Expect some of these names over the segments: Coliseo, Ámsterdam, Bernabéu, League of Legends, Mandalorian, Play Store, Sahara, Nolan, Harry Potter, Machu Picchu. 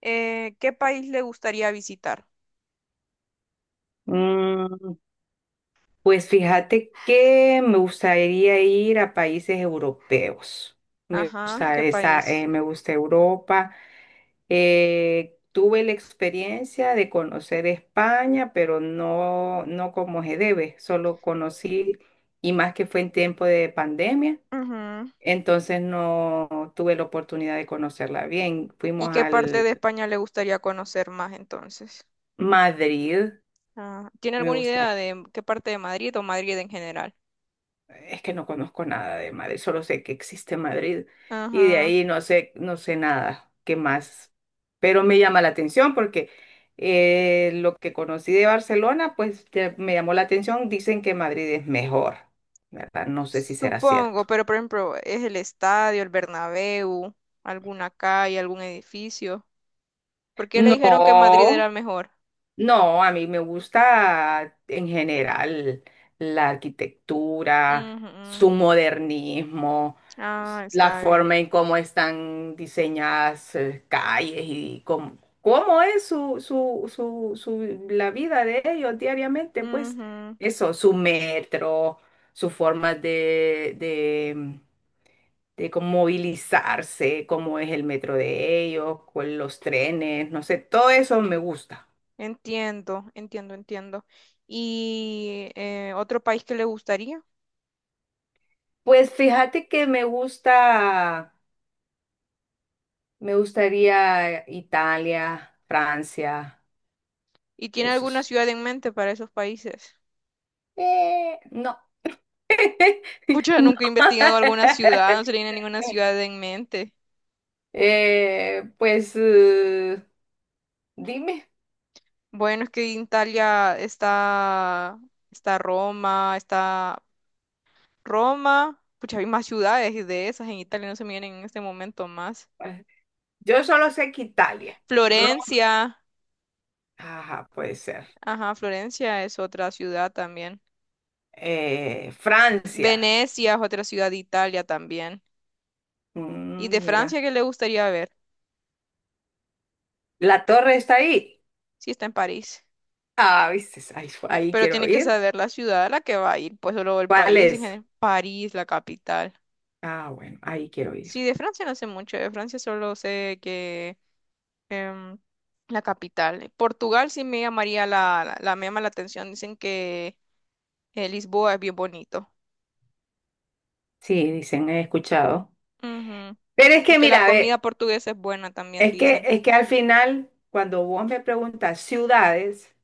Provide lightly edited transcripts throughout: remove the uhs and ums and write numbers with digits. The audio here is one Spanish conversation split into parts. ¿Qué país le gustaría visitar? Mm, pues fíjate que me gustaría ir a países europeos. Me Ajá, gusta ¿qué esa, país? Me gusta Europa. Tuve la experiencia de conocer España, pero no, no como se debe. Solo conocí, y más que fue en tiempo de pandemia, Ujú. entonces no tuve la oportunidad de conocerla bien. ¿Y Fuimos qué parte al de España le gustaría conocer más entonces? Madrid. Ah, ¿tiene Me alguna idea gusta. de qué parte de Madrid o Madrid en general? Es que no conozco nada de Madrid, solo sé que existe Madrid y de Ajá, ahí no sé, no sé nada, qué más. Pero me llama la atención porque lo que conocí de Barcelona, pues ya me llamó la atención. Dicen que Madrid es mejor, ¿verdad? No sé si será supongo, cierto. pero por ejemplo, ¿es el estadio, el Bernabéu, alguna calle, algún edificio? ¿Por qué le dijeron que Madrid No, era mejor? no, a mí me gusta en general la arquitectura, Ujú. su modernismo, Ah, la está bien. forma en cómo están diseñadas calles y cómo, cómo es la vida de ellos diariamente, pues Ujú. eso, su metro, su forma de cómo movilizarse, cómo es el metro de ellos, con los trenes, no sé, todo eso me gusta. Entiendo, entiendo, entiendo. ¿Y otro país que le gustaría? Pues fíjate que me gusta, me gustaría Italia, Francia, ¿Y tiene alguna esos. ciudad en mente para esos países? No, Pucha, no. nunca he investigado alguna ciudad, no se le viene ninguna ciudad en mente. Eh, pues eh, dime. Bueno, es que en Italia está, está Roma, está Roma. Pucha, hay más ciudades de esas en Italia, no se me vienen en este momento más. Yo solo sé que Italia, Roma, Florencia, ajá, puede ser. ajá, Florencia es otra ciudad también. Francia. Venecia es otra ciudad de Italia también. ¿Y de Mm, mira, Francia qué le gustaría ver? la torre está ahí. Si está en París. Ah, viste, ahí, ahí Pero quiero tiene que ir. saber la ciudad a la que va a ir, pues solo el ¿Cuál país en es? general. París, la capital. Ah, bueno, ahí quiero ir. Sí, de Francia no sé mucho, de Francia solo sé que em, la capital. Portugal sí me llamaría me llama la atención, dicen que Lisboa es bien bonito. Sí, dicen, he escuchado. Ujú. Pero es Y que, que la mira, comida ve, portuguesa es buena también, dicen. es que al final, cuando vos me preguntas ciudades,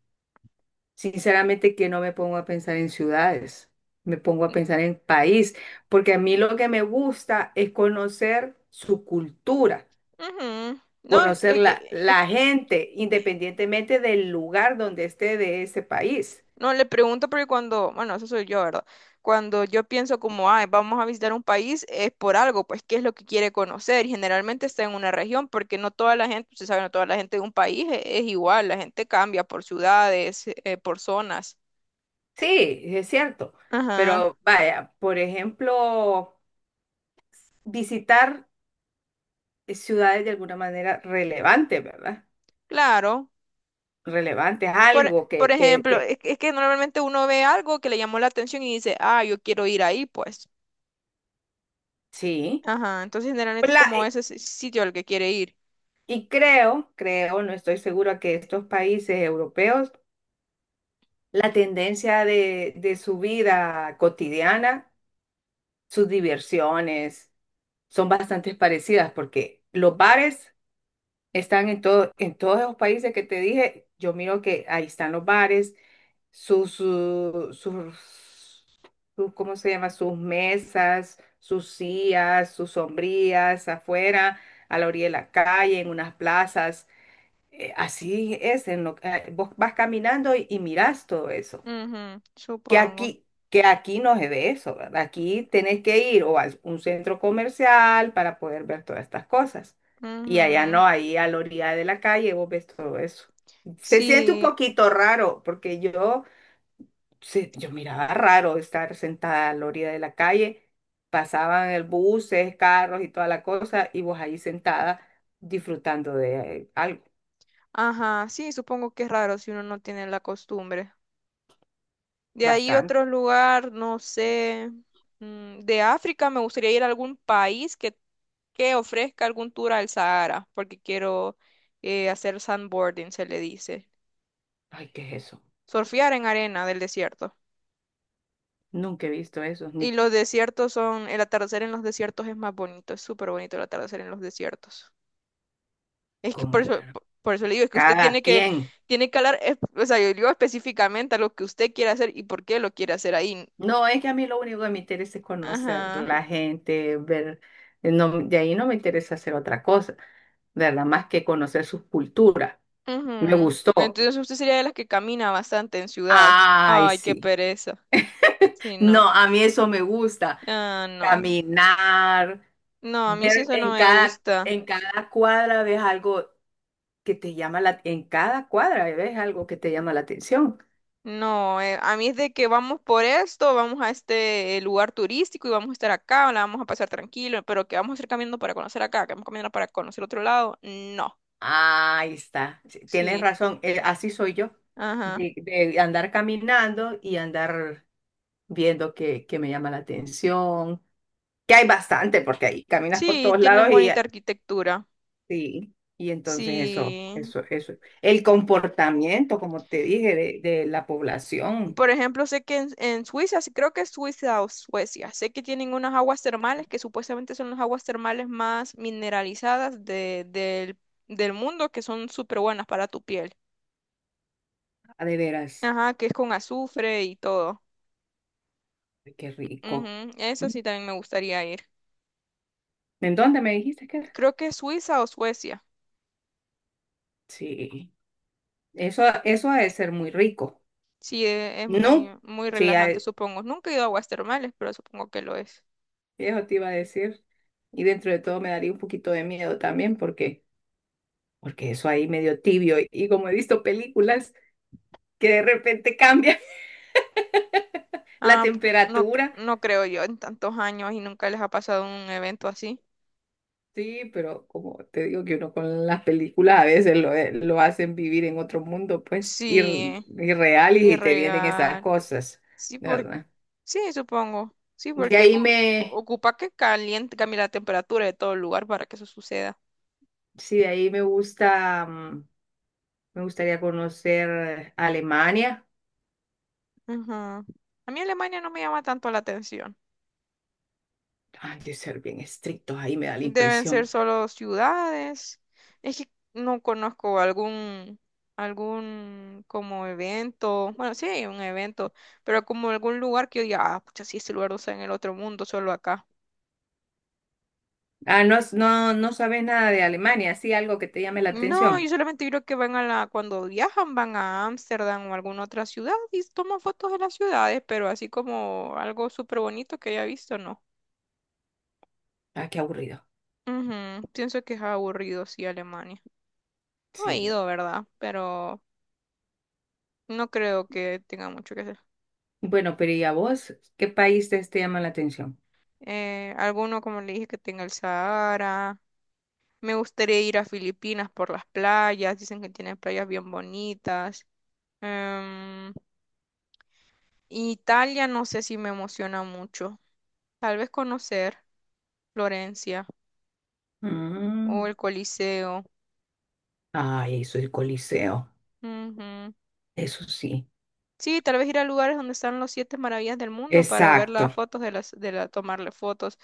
sinceramente que no me pongo a pensar en ciudades, me pongo a pensar en país, porque a mí lo que me gusta es conocer su cultura, Ujú. No, es, que, conocer e, e, la e, gente, independientemente del lugar donde esté de ese país. No, le pregunto porque cuando, bueno, eso soy yo, ¿verdad? Cuando yo pienso como, ay, vamos a visitar un país, es por algo, pues, ¿qué es lo que quiere conocer? Y generalmente está en una región, porque no toda la gente, usted sabe, no toda la gente de un país es, igual, la gente cambia por ciudades, por zonas. Sí, es cierto, Ajá, pero vaya, por ejemplo, visitar ciudades de alguna manera relevantes, ¿verdad? claro. Relevantes, Por, algo por ejemplo, que es que normalmente uno ve algo que le llamó la atención y dice, ah, yo quiero ir ahí, pues. sí. Ajá, entonces generalmente es La- como y ese sitio al que quiere ir. y creo, no estoy segura que estos países europeos, la tendencia de su vida cotidiana, sus diversiones, son bastante parecidas porque los bares están en todo, en todos esos países que te dije, yo miro que ahí están los bares sus, su- sus, sus- ¿cómo se llama? Sus mesas, sus sillas, sus sombrillas afuera, a la orilla de la calle, en unas plazas. Así es, en lo, vos vas caminando y mirás todo eso. Ujú, supongo. Que aquí no es de eso, ¿verdad? Aquí tenés que ir o a un centro comercial para poder ver todas estas cosas. Y allá Ujú. no, ahí a la orilla de la calle vos ves todo eso. Se siente un Sí. poquito raro porque yo miraba raro estar sentada a la orilla de la calle, pasaban el buses, carros y toda la cosa, y vos ahí sentada disfrutando de algo, Ajá, sí, supongo que es raro si uno no tiene la costumbre. De ahí bastante. otro lugar, no sé, mm, de África me gustaría ir a algún país que ofrezca algún tour al Sahara, porque quiero hacer sandboarding, se le dice. Ay, ¿qué es eso? Surfear en arena del desierto. Nunca he visto eso, ni Y los desiertos son, el atardecer en los desiertos es más bonito, es súper bonito el atardecer en los desiertos. Es que cómo por es, eso, pero por eso le digo, es que usted cada tiene que... quien. Tiene que hablar, o sea, yo digo específicamente a lo que usted quiere hacer y por qué lo quiere hacer ahí. No, es que a mí lo único que me interesa es conocer Ajá. la gente, ver, no, de ahí no me interesa hacer otra cosa, ¿verdad? Más que conocer sus culturas. Me Ujú. gustó. Entonces usted sería de las que camina bastante en ciudad. Ay, Ay, qué sí. pereza. Sí, No, no. a mí eso me gusta, Ah, no. caminar, No, a mí sí ver eso no me gusta. en cada cuadra ves algo que te llama la, en cada cuadra ves algo que te llama la atención. No, a mí es de que vamos por esto, vamos a este lugar turístico y vamos a estar acá, la vamos a pasar tranquilo, pero que vamos a ir caminando para conocer acá, que vamos caminando para conocer otro lado. No. Ahí está, sí, tienes Sí. razón, así soy yo, Ajá. De andar caminando y andar viendo que me llama la atención, que hay bastante, porque ahí caminas por Sí, todos tienen lados y, bonita arquitectura. sí, y entonces Sí. Eso. El comportamiento, como te dije, de la población. Por ejemplo, sé que en Suiza, sí, creo que es Suiza o Suecia, sé que tienen unas aguas termales que supuestamente son las aguas termales más mineralizadas del, del mundo, que son súper buenas para tu piel. Ah, de veras. Ajá, que es con azufre y todo. Qué rico. Ujú, eso ¿Mm? sí también me gustaría ir. ¿En dónde me dijiste que era? Creo que es Suiza o Suecia. Sí, eso ha de ser muy rico. Sí, es muy, No, muy sí, relajante, supongo. Nunca he ido a aguas termales, pero supongo que lo es. eso te iba a decir. Y dentro de todo me daría un poquito de miedo también porque, porque eso ahí medio tibio. Y como he visto películas que de repente cambia la Ah, no, temperatura. no creo yo en tantos años y nunca les ha pasado un evento así. Sí, pero como te digo que uno con las películas a veces lo hacen vivir en otro mundo, pues, Sí, irreal y te vienen esas irreal. cosas, Sí, por... ¿verdad? sí, supongo. Sí, De porque ahí me... ocupa que caliente, cambie la temperatura de todo el lugar para que eso suceda. Sí, de ahí me gusta, me gustaría conocer Alemania. Ujú. A mí Alemania no me llama tanto la atención. Ay, de ser bien estrictos, ahí me da la Deben ser impresión. solo ciudades. Es que no conozco algún, algún como evento. Bueno, sí, un evento, pero como algún lugar que yo diga, ah, pucha, sí, este lugar no está en el otro mundo, solo acá. Ah, no, no, no sabes nada de Alemania, sí, algo que te llame la No, yo atención. solamente creo que van a la, cuando viajan, van a Ámsterdam o alguna otra ciudad y toman fotos de las ciudades, pero así como algo súper bonito que haya visto, no. Ah, qué aburrido. Ujú, pienso que es aburrido, sí, Alemania. No he Sí. ido, ¿verdad? Pero no creo que tenga mucho que hacer. Bueno, pero ¿y a vos? ¿Qué país te llama la atención? Alguno, como le dije, que tenga el Sahara. Me gustaría ir a Filipinas por las playas. Dicen que tienen playas bien bonitas. Em, Italia no sé si me emociona mucho. Tal vez conocer. Florencia Mm. o el Coliseo. Ay, soy el Coliseo. Ujú. Eso sí, Sí, tal vez ir a lugares donde están los siete maravillas del mundo para ver las exacto, fotos de las, de la, tomarle fotos.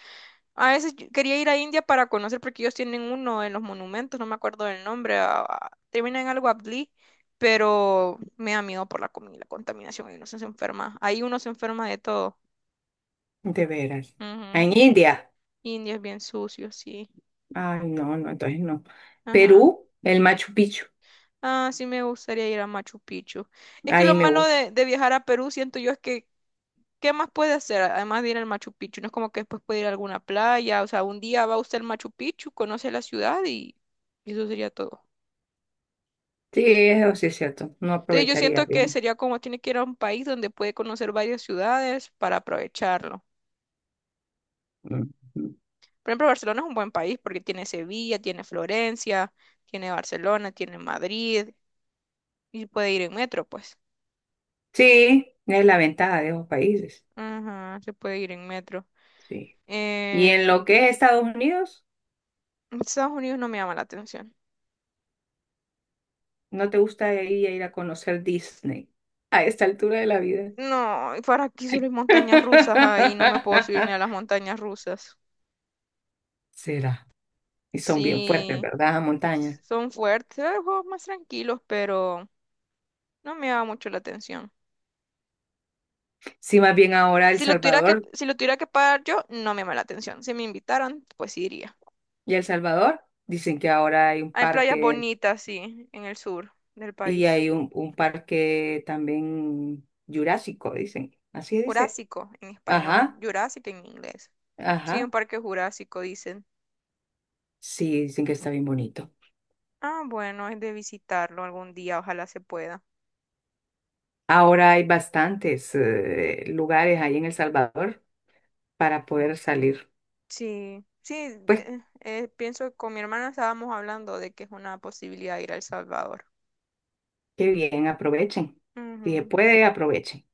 A veces yo quería ir a India para conocer porque ellos tienen uno en los monumentos, no me acuerdo del nombre, termina en algo Abdi, pero me da miedo por la comida y la contaminación, y uno se enferma, ahí uno se enferma de todo. de veras. Ujú. En India, India es bien sucio, sí. ay, no, no, entonces no. Ajá. Perú, el Machu Picchu, Ah, sí me gustaría ir a Machu Picchu. Es que lo ahí me malo gusta. De viajar a Perú, siento yo, es que ¿qué más puede hacer? Además de ir al Machu Picchu, no es como que después puede ir a alguna playa, o sea, un día va usted al Machu Picchu, conoce la ciudad y eso sería todo. Sí, eso sí es cierto, no Entonces yo aprovecharía siento que bien. sería como tiene que ir a un país donde puede conocer varias ciudades para aprovecharlo. Ujú. Por ejemplo, Barcelona es un buen país porque tiene Sevilla, tiene Florencia, tiene Barcelona, tiene Madrid y puede ir en metro, pues. Sí, es la ventaja de esos países. Ajá, se puede ir en metro. Sí. Y en Eh, lo que es Estados Unidos, Estados Unidos no me llama la atención. ¿no te gusta ir a conocer Disney a esta altura de la vida? No, ¿y ¿para aquí solo hay montañas rusas ahí? No me puedo subir ni a las montañas rusas. Será. Y son bien fuertes, Sí, ¿verdad? Las montañas. son fuertes, hay juegos más tranquilos, pero no me llama mucho la atención. Sí, más bien ahora El Si lo tuviera que, Salvador. si lo tuviera que pagar yo, no me llama la atención. Si me invitaran, pues sí iría. Y El Salvador, dicen que ahora hay un Hay playas parque bonitas, sí, en el sur del y país. hay un parque también jurásico, dicen. Así dice. Jurásico en español, Ajá, jurásico en inglés. Sí, un ajá. parque jurásico, dicen. Sí, dicen que está bien bonito. Ah, bueno, es de visitarlo algún día, ojalá se pueda. Ahora hay bastantes lugares ahí en El Salvador para poder salir. Sí, sí, Pues pienso que con mi hermana estábamos hablando de que es una posibilidad ir a El Salvador. qué bien, aprovechen. Si se Ujú. puede, aprovechen.